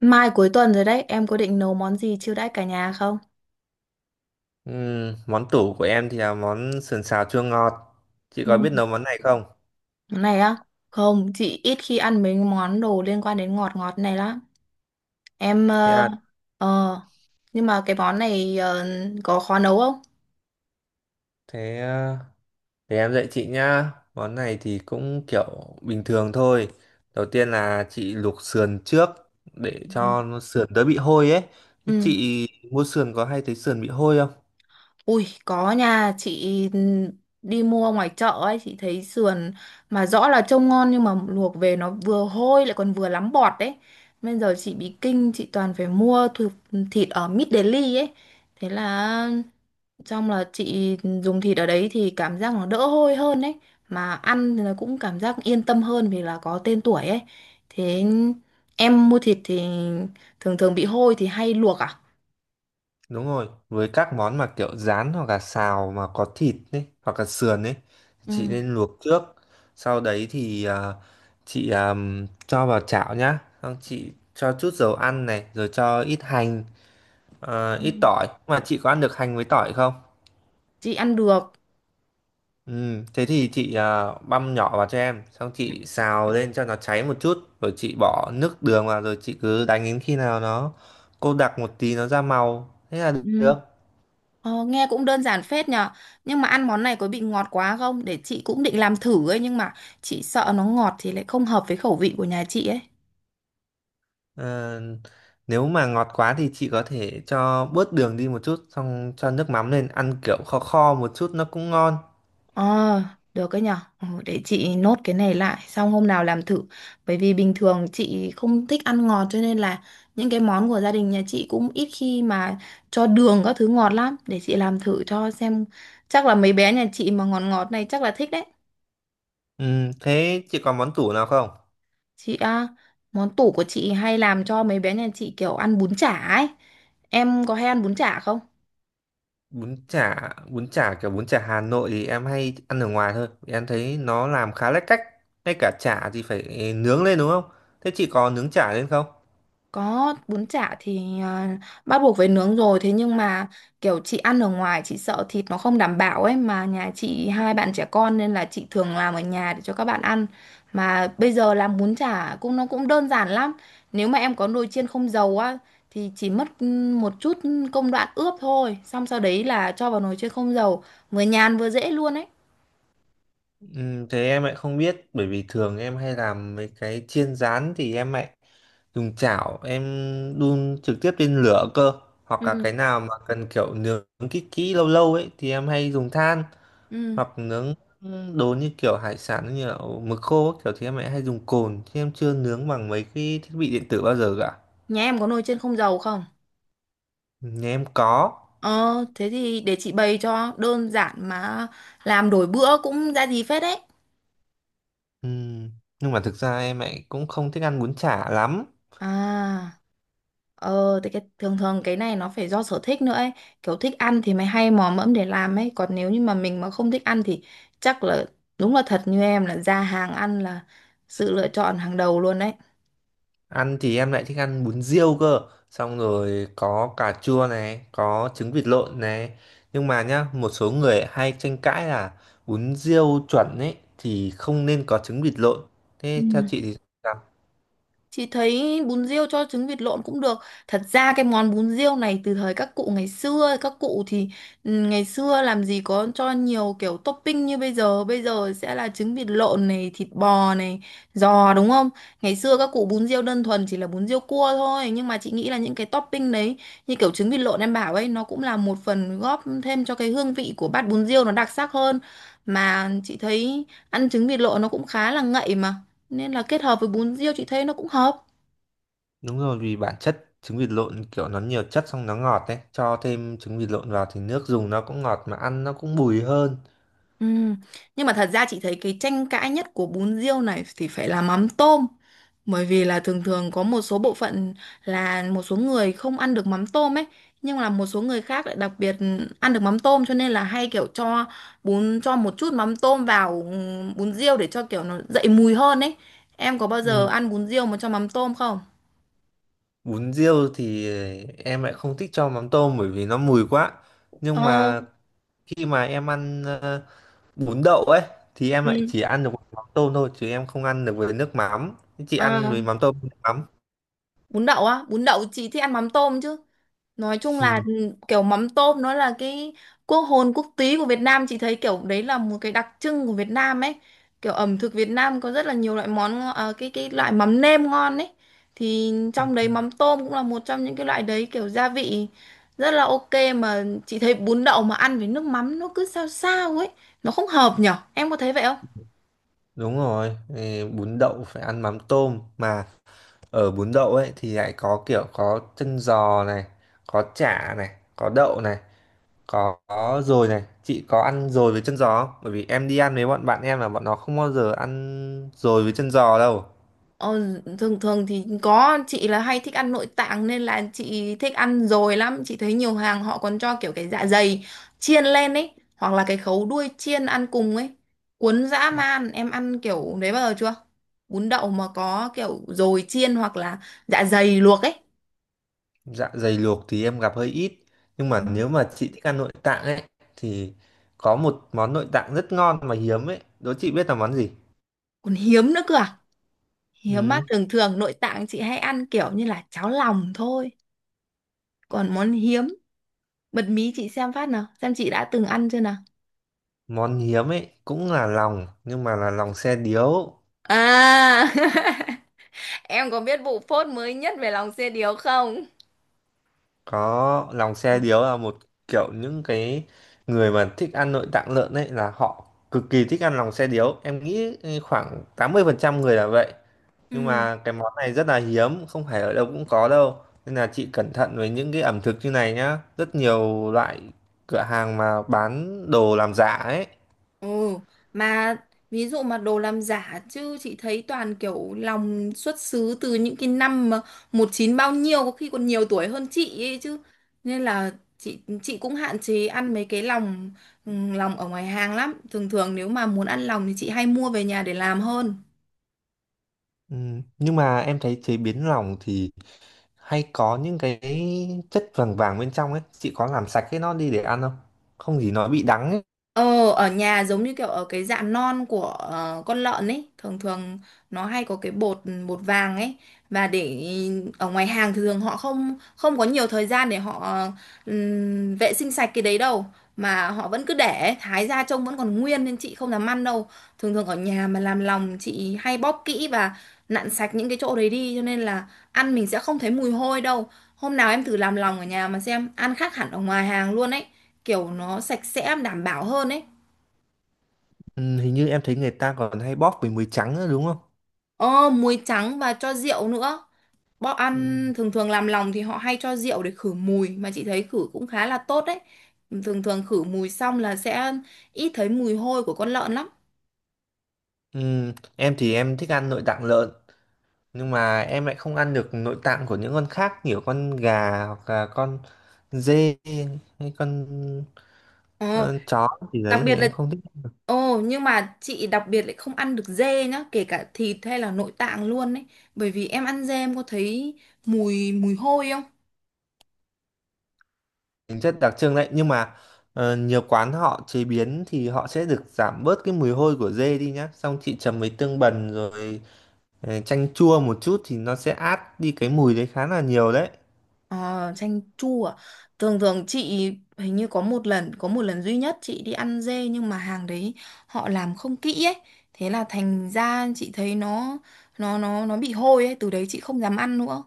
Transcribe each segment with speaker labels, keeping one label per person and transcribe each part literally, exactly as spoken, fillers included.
Speaker 1: Mai cuối tuần rồi đấy, em có định nấu món gì chiêu đãi cả nhà không?
Speaker 2: Ừm, món tủ của em thì là món sườn xào chua ngọt. Chị có
Speaker 1: Ừ.
Speaker 2: biết nấu món này không?
Speaker 1: Món này á? Không, chị ít khi ăn mấy món đồ liên quan đến ngọt ngọt này lắm. Em
Speaker 2: Thế
Speaker 1: ờ
Speaker 2: à,
Speaker 1: ờ, nhưng mà cái món này ờ, có khó nấu không?
Speaker 2: thế ờ, để em dạy chị nhá. Món này thì cũng kiểu bình thường thôi. Đầu tiên là chị luộc sườn trước để
Speaker 1: Ừ.
Speaker 2: cho nó sườn đỡ bị hôi ấy.
Speaker 1: Ừ.
Speaker 2: Chị mua sườn có hay thấy sườn bị hôi không?
Speaker 1: Ui có nha chị, đi mua ngoài chợ ấy chị thấy sườn mà rõ là trông ngon, nhưng mà luộc về nó vừa hôi lại còn vừa lắm bọt đấy. Bây giờ chị bị kinh, chị toàn phải mua thu- thịt ở Mid Daily ấy. Thế là xong là chị dùng thịt ở đấy thì cảm giác nó đỡ hôi hơn ấy. Mà ăn thì là cũng cảm giác yên tâm hơn vì là có tên tuổi ấy. Thế em mua thịt thì thường thường bị hôi thì hay luộc à?
Speaker 2: Đúng rồi, với các món mà kiểu rán hoặc là xào mà có thịt ấy, hoặc là sườn ấy, thì chị
Speaker 1: Ừ.
Speaker 2: nên luộc trước. Sau đấy thì à, chị à, cho vào chảo nhá. Xong chị cho chút dầu ăn này, rồi cho ít hành, à,
Speaker 1: Ừ.
Speaker 2: ít tỏi. Mà chị có ăn được hành với tỏi không?
Speaker 1: Chị ăn được.
Speaker 2: Ừ, thế thì chị à, băm nhỏ vào cho em. Xong chị xào lên cho nó cháy một chút. Rồi chị bỏ nước đường vào, rồi chị cứ đánh đến khi nào nó cô đặc một tí nó ra màu. Thế là
Speaker 1: Ừ.
Speaker 2: được.
Speaker 1: Ờ, nghe cũng đơn giản phết nhờ. Nhưng mà ăn món này có bị ngọt quá không? Để chị cũng định làm thử ấy. Nhưng mà chị sợ nó ngọt thì lại không hợp với khẩu vị của nhà chị ấy.
Speaker 2: Ờ, Nếu mà ngọt quá thì chị có thể cho bớt đường đi một chút xong cho nước mắm lên ăn kiểu kho kho một chút nó cũng ngon.
Speaker 1: Ờ, được ấy nhờ. Ừ, để chị nốt cái này lại. Xong hôm nào làm thử. Bởi vì bình thường chị không thích ăn ngọt. Cho nên là những cái món của gia đình nhà chị cũng ít khi mà cho đường các thứ ngọt lắm. Để chị làm thử cho xem. Chắc là mấy bé nhà chị mà ngọt ngọt này chắc là thích đấy.
Speaker 2: ừ, Thế chị có món tủ nào không?
Speaker 1: Chị á, món tủ của chị hay làm cho mấy bé nhà chị kiểu ăn bún chả ấy. Em có hay ăn bún chả không?
Speaker 2: Bún chả bún chả kiểu bún chả Hà Nội thì em hay ăn ở ngoài thôi. Vì em thấy nó làm khá lách cách, ngay cả chả thì phải nướng lên đúng không, thế chị có nướng chả lên không?
Speaker 1: Có, bún chả thì à, bắt buộc phải nướng rồi. Thế nhưng mà kiểu chị ăn ở ngoài chị sợ thịt nó không đảm bảo ấy. Mà nhà chị hai bạn trẻ con nên là chị thường làm ở nhà để cho các bạn ăn. Mà bây giờ làm bún chả cũng nó cũng đơn giản lắm. Nếu mà em có nồi chiên không dầu á thì chỉ mất ừ, một chút công đoạn ướp thôi. Xong sau đấy là cho vào nồi chiên không dầu. Vừa nhàn vừa dễ luôn ấy.
Speaker 2: Ừ, thế em lại không biết bởi vì thường em hay làm mấy cái chiên rán thì em lại dùng chảo, em đun trực tiếp lên lửa cơ, hoặc là cái
Speaker 1: Ừ.
Speaker 2: nào mà cần kiểu nướng kỹ kỹ lâu lâu ấy thì em hay dùng than,
Speaker 1: Ừ.
Speaker 2: hoặc nướng đồ như kiểu hải sản như là mực khô ấy, kiểu thì em lại hay dùng cồn chứ em chưa nướng bằng mấy cái thiết bị điện tử bao giờ cả.
Speaker 1: Nhà em có nồi chiên không dầu không?
Speaker 2: Nhà em có.
Speaker 1: Ờ, thế thì để chị bày cho đơn giản mà làm đổi bữa cũng ra gì phết đấy.
Speaker 2: Ừm, nhưng mà thực ra em lại cũng không thích ăn bún chả lắm.
Speaker 1: À, ờ, thì cái, thường thường cái này nó phải do sở thích nữa ấy. Kiểu thích ăn thì mày hay mò mẫm để làm ấy. Còn nếu như mà mình mà không thích ăn thì chắc là đúng là thật như em là ra hàng ăn là sự lựa chọn hàng đầu luôn đấy.
Speaker 2: Ăn thì em lại thích ăn bún riêu cơ. Xong rồi có cà chua này, có trứng vịt lộn này. Nhưng mà nhá, một số người hay tranh cãi là bún riêu chuẩn ấy thì không nên có trứng vịt lộn.
Speaker 1: Ừ.
Speaker 2: Thế theo chị thì sao?
Speaker 1: Chị thấy bún riêu cho trứng vịt lộn cũng được. Thật ra cái món bún riêu này từ thời các cụ ngày xưa, các cụ thì ừ, ngày xưa làm gì có cho nhiều kiểu topping như bây giờ. Bây giờ sẽ là trứng vịt lộn này, thịt bò này, giò, đúng không? Ngày xưa các cụ bún riêu đơn thuần chỉ là bún riêu cua thôi. Nhưng mà chị nghĩ là những cái topping đấy như kiểu trứng vịt lộn em bảo ấy nó cũng là một phần góp thêm cho cái hương vị của bát bún riêu nó đặc sắc hơn. Mà chị thấy ăn trứng vịt lộn nó cũng khá là ngậy mà nên là kết hợp với bún riêu chị thấy nó cũng hợp.
Speaker 2: Đúng rồi, vì bản chất trứng vịt lộn kiểu nó nhiều chất xong nó ngọt đấy. Cho thêm trứng vịt lộn vào thì nước dùng nó cũng ngọt mà ăn nó cũng bùi hơn.
Speaker 1: Ừ, nhưng mà thật ra chị thấy cái tranh cãi nhất của bún riêu này thì phải là mắm tôm, bởi vì là thường thường có một số bộ phận là một số người không ăn được mắm tôm ấy, nhưng là một số người khác lại đặc biệt ăn được mắm tôm cho nên là hay kiểu cho bún, cho một chút mắm tôm vào ừ, bún riêu để cho kiểu nó dậy mùi hơn ấy. Em có bao giờ
Speaker 2: Ừ.
Speaker 1: ăn bún riêu mà cho mắm tôm không?
Speaker 2: Bún riêu thì em lại không thích cho mắm tôm bởi vì nó mùi quá. Nhưng
Speaker 1: Ờ,
Speaker 2: mà khi mà em ăn bún đậu ấy thì em lại
Speaker 1: ừ.
Speaker 2: chỉ ăn được với mắm tôm thôi chứ em không ăn được với nước mắm. Chị ăn
Speaker 1: À,
Speaker 2: với mắm tôm nước mắm?
Speaker 1: bún đậu á, bún đậu chị thích ăn mắm tôm chứ. Nói chung
Speaker 2: Ừ,
Speaker 1: là ừ, kiểu mắm tôm nó là cái quốc hồn quốc túy của Việt Nam, chị thấy kiểu đấy là một cái đặc trưng của Việt Nam ấy. Kiểu ẩm thực Việt Nam có rất là nhiều loại món ngo- ờ, cái cái loại mắm nêm ngon ấy, thì trong đấy mắm tôm cũng là một trong những cái loại đấy, kiểu gia vị rất là ok. Mà chị thấy bún đậu mà ăn với nước mắm nó cứ sao sao ấy, nó không hợp nhở, em có thấy vậy không?
Speaker 2: đúng rồi, ừ, bún đậu phải ăn mắm tôm mà. Ở bún đậu ấy thì lại có kiểu có chân giò này, có chả này, có đậu này, có có dồi này. Chị có ăn dồi với chân giò không, bởi vì em đi ăn với bọn bạn em là bọn nó không bao giờ ăn dồi với chân giò đâu.
Speaker 1: Ờ, thường thường thì có, chị là hay thích ăn nội tạng nên là chị thích ăn dồi lắm. Chị thấy nhiều hàng họ còn cho kiểu cái dạ dày chiên lên ấy, hoặc là cái khấu đuôi chiên ăn cùng ấy, cuốn dã man. Em ăn kiểu đấy bao giờ chưa? Bún đậu mà có kiểu dồi chiên hoặc là dạ dày luộc ấy.
Speaker 2: Dạ dày luộc thì em gặp hơi ít, nhưng mà
Speaker 1: Ừ.
Speaker 2: nếu mà chị thích ăn nội tạng ấy thì có một món nội tạng rất ngon mà hiếm ấy, đố chị biết là món gì.
Speaker 1: Còn hiếm nữa cơ à? Hiếm mà
Speaker 2: Ừ.
Speaker 1: thường thường nội tạng chị hay ăn kiểu như là cháo lòng thôi. Còn món hiếm, bật mí chị xem phát nào xem chị đã từng ăn chưa nào.
Speaker 2: Món hiếm ấy cũng là lòng nhưng mà là lòng xe điếu.
Speaker 1: À. Em có biết vụ phốt mới nhất về lòng xe điếu không?
Speaker 2: Có, lòng xe điếu là một kiểu, những cái người mà thích ăn nội tạng lợn ấy là họ cực kỳ thích ăn lòng xe điếu, em nghĩ khoảng tám mươi phần trăm người là vậy. Nhưng
Speaker 1: Ừ.
Speaker 2: mà cái món này rất là hiếm, không phải ở đâu cũng có đâu, nên là chị cẩn thận với những cái ẩm thực như này nhá, rất nhiều loại cửa hàng mà bán đồ làm giả ấy.
Speaker 1: Ừ, mà ví dụ mà đồ làm giả chứ chị thấy toàn kiểu lòng xuất xứ từ những cái năm mà một chín bao nhiêu, có khi còn nhiều tuổi hơn chị ấy chứ. Nên là chị chị cũng hạn chế ăn mấy cái lòng, ừ, lòng ở ngoài hàng lắm. Thường thường nếu mà muốn ăn lòng thì chị hay mua về nhà để làm hơn.
Speaker 2: ừ, nhưng mà em thấy chế biến lòng thì hay có những cái chất vàng vàng bên trong ấy, chị có làm sạch cái nó đi để ăn không, không gì nó bị đắng ấy.
Speaker 1: Ờ, ở nhà giống như kiểu ở cái dạ non của ờ, con lợn ấy, thường thường nó hay có cái bột bột vàng ấy, và để ở ngoài hàng thì thường họ không không có nhiều thời gian để họ ờ, ừm, vệ sinh sạch cái đấy đâu, mà họ vẫn cứ để thái ra trông vẫn còn nguyên nên chị không dám ăn đâu. Thường thường ở nhà mà làm lòng chị hay bóp kỹ và nặn sạch những cái chỗ đấy đi, cho nên là ăn mình sẽ không thấy mùi hôi đâu. Hôm nào em thử làm lòng ở nhà mà xem, ăn khác hẳn ở ngoài hàng luôn ấy. Kiểu nó sạch sẽ, đảm bảo hơn ấy.
Speaker 2: ừ, Hình như em thấy người ta còn hay bóp với muối trắng nữa đúng không?
Speaker 1: Ờ, muối trắng và cho rượu nữa. Bọn
Speaker 2: Ừ.
Speaker 1: ăn thường thường làm lòng thì họ hay cho rượu để khử mùi, mà chị thấy khử cũng khá là tốt đấy. Thường thường khử mùi xong là sẽ ít thấy mùi hôi của con lợn lắm.
Speaker 2: Ừ, em thì em thích ăn nội tạng lợn nhưng mà em lại không ăn được nội tạng của những con khác, kiểu con gà hoặc là con dê hay con
Speaker 1: Ờ,
Speaker 2: ờ, chó gì
Speaker 1: đặc
Speaker 2: đấy thì
Speaker 1: biệt là
Speaker 2: em không thích.
Speaker 1: Ồ, nhưng mà chị đặc biệt lại không ăn được dê nhá, kể cả thịt hay là nội tạng luôn ấy. Bởi vì em ăn dê em có thấy mùi mùi hôi không?
Speaker 2: Tính chất đặc trưng đấy, nhưng mà ờ, nhiều quán họ chế biến thì họ sẽ được giảm bớt cái mùi hôi của dê đi nhá, xong chị chấm với tương bần rồi ờ, chanh chua một chút thì nó sẽ át đi cái mùi đấy khá là nhiều đấy.
Speaker 1: Ờ, chanh chua à? Thường thường chị hình như có một lần có một lần duy nhất chị đi ăn dê, nhưng mà hàng đấy họ làm không kỹ ấy, thế là thành ra chị thấy nó nó nó nó bị hôi ấy, từ đấy chị không dám ăn nữa,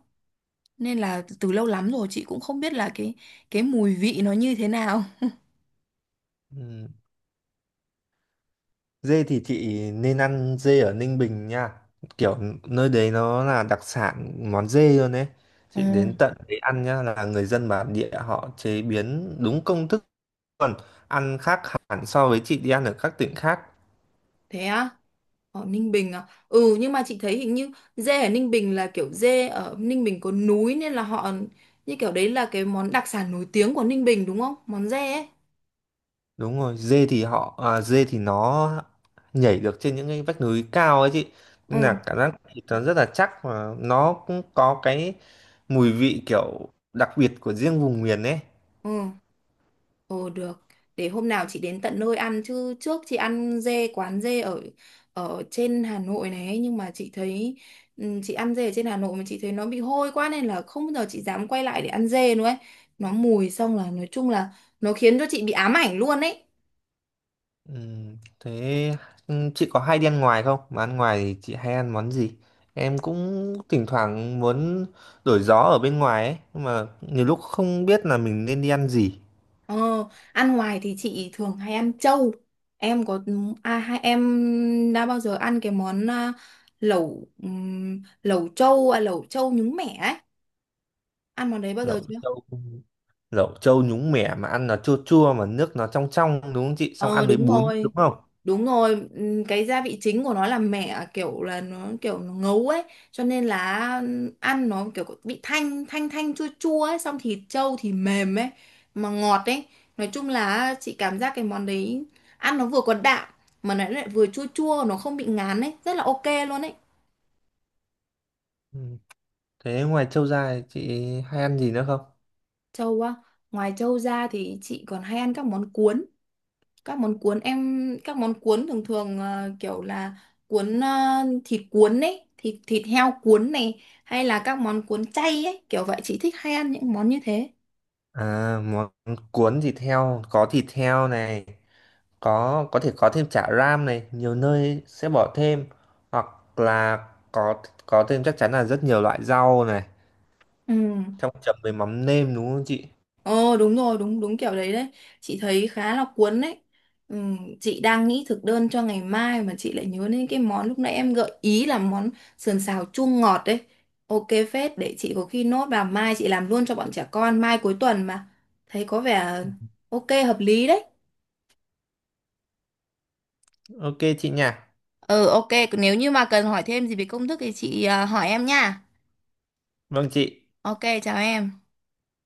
Speaker 1: nên là từ lâu lắm rồi chị cũng không biết là cái cái mùi vị nó như thế nào.
Speaker 2: Ừ, dê thì chị nên ăn dê ở Ninh Bình nha. Kiểu nơi đấy nó là đặc sản món dê luôn đấy.
Speaker 1: Ồ,
Speaker 2: Chị đến tận đấy ăn nhá, là người dân bản địa họ chế biến đúng công thức luôn. Ăn khác hẳn so với chị đi ăn ở các tỉnh khác.
Speaker 1: thế á? Ở Ninh Bình à? Ừ, nhưng mà chị thấy hình như dê ở Ninh Bình là kiểu dê ở Ninh Bình có núi nên là họ như kiểu đấy là cái món đặc sản nổi tiếng của Ninh Bình, đúng không? Món dê ấy.
Speaker 2: Đúng rồi, dê thì họ à, dê thì nó nhảy được trên những cái vách núi cao ấy chị. Nên
Speaker 1: Ừ.
Speaker 2: là cảm giác thịt nó rất là chắc và nó cũng có cái mùi vị kiểu đặc biệt của riêng vùng miền ấy.
Speaker 1: Ừ, ồ được. Để hôm nào chị đến tận nơi ăn, chứ trước chị ăn dê quán dê ở ở trên Hà Nội này ấy, nhưng mà chị thấy ừ, chị ăn dê ở trên Hà Nội mà chị thấy nó bị hôi quá nên là không bao giờ chị dám quay lại để ăn dê nữa ấy. Nó mùi xong là nói chung là nó khiến cho chị bị ám ảnh luôn ấy.
Speaker 2: Ừm, thế ừm, chị có hay đi ăn ngoài không? Mà ăn ngoài thì chị hay ăn món gì? Em cũng thỉnh thoảng muốn đổi gió ở bên ngoài ấy, nhưng mà nhiều lúc không biết là mình nên đi ăn gì.
Speaker 1: Ờ, ăn ngoài thì chị thường hay ăn trâu. Em có à, Hai em đã bao giờ ăn cái món à, lẩu ừm, lẩu trâu à, lẩu trâu nhúng mẻ ấy. Ăn món đấy bao giờ
Speaker 2: Lẩu
Speaker 1: chưa?
Speaker 2: trâu, lẩu trâu nhúng mẻ mà ăn nó chua chua mà nước nó trong trong đúng không chị? Xong
Speaker 1: Ờ
Speaker 2: ăn với
Speaker 1: đúng
Speaker 2: bún
Speaker 1: rồi,
Speaker 2: đúng không?
Speaker 1: đúng rồi. Ừm, cái gia vị chính của nó là mẹ à, kiểu là nó kiểu nó ngấu ấy, cho nên là ăn nó kiểu bị thanh thanh thanh chua chua ấy, xong thịt trâu thì mềm ấy mà ngọt ấy. Nói chung là chị cảm giác cái món đấy ăn nó vừa có đạm mà nó lại vừa chua chua, nó không bị ngán ấy, rất là ok luôn ấy.
Speaker 2: Ừm, Thế ngoài trâu ra thì chị hay ăn gì nữa không?
Speaker 1: Trâu á, ngoài trâu ra thì chị còn hay ăn các món cuốn. các món cuốn em các món cuốn thường thường ờ, kiểu là cuốn ờ, thịt cuốn ấy, thịt thịt heo cuốn này hay là các món cuốn chay ấy, kiểu vậy chị thích hay ăn những món như thế.
Speaker 2: À, món cuốn thịt heo, có thịt heo này, có có thể có thêm chả ram này, nhiều nơi sẽ bỏ thêm, hoặc là có có thêm chắc chắn là rất nhiều loại rau này,
Speaker 1: Ừ.
Speaker 2: trong chấm với mắm nêm đúng không chị?
Speaker 1: Ồ đúng rồi, đúng đúng kiểu đấy đấy, chị thấy khá là cuốn đấy. Ừ, chị đang nghĩ thực đơn cho ngày mai mà chị lại nhớ đến cái món lúc nãy em gợi ý là món sườn xào chua ngọt đấy, ok phết. Để chị có khi nốt vào mai chị làm luôn cho bọn trẻ con, mai cuối tuần mà, thấy có vẻ ok hợp lý đấy.
Speaker 2: Ok chị nha.
Speaker 1: Ừ ok, nếu như mà cần hỏi thêm gì về công thức thì chị à, hỏi em nha.
Speaker 2: Vâng chị.
Speaker 1: Ok, chào em.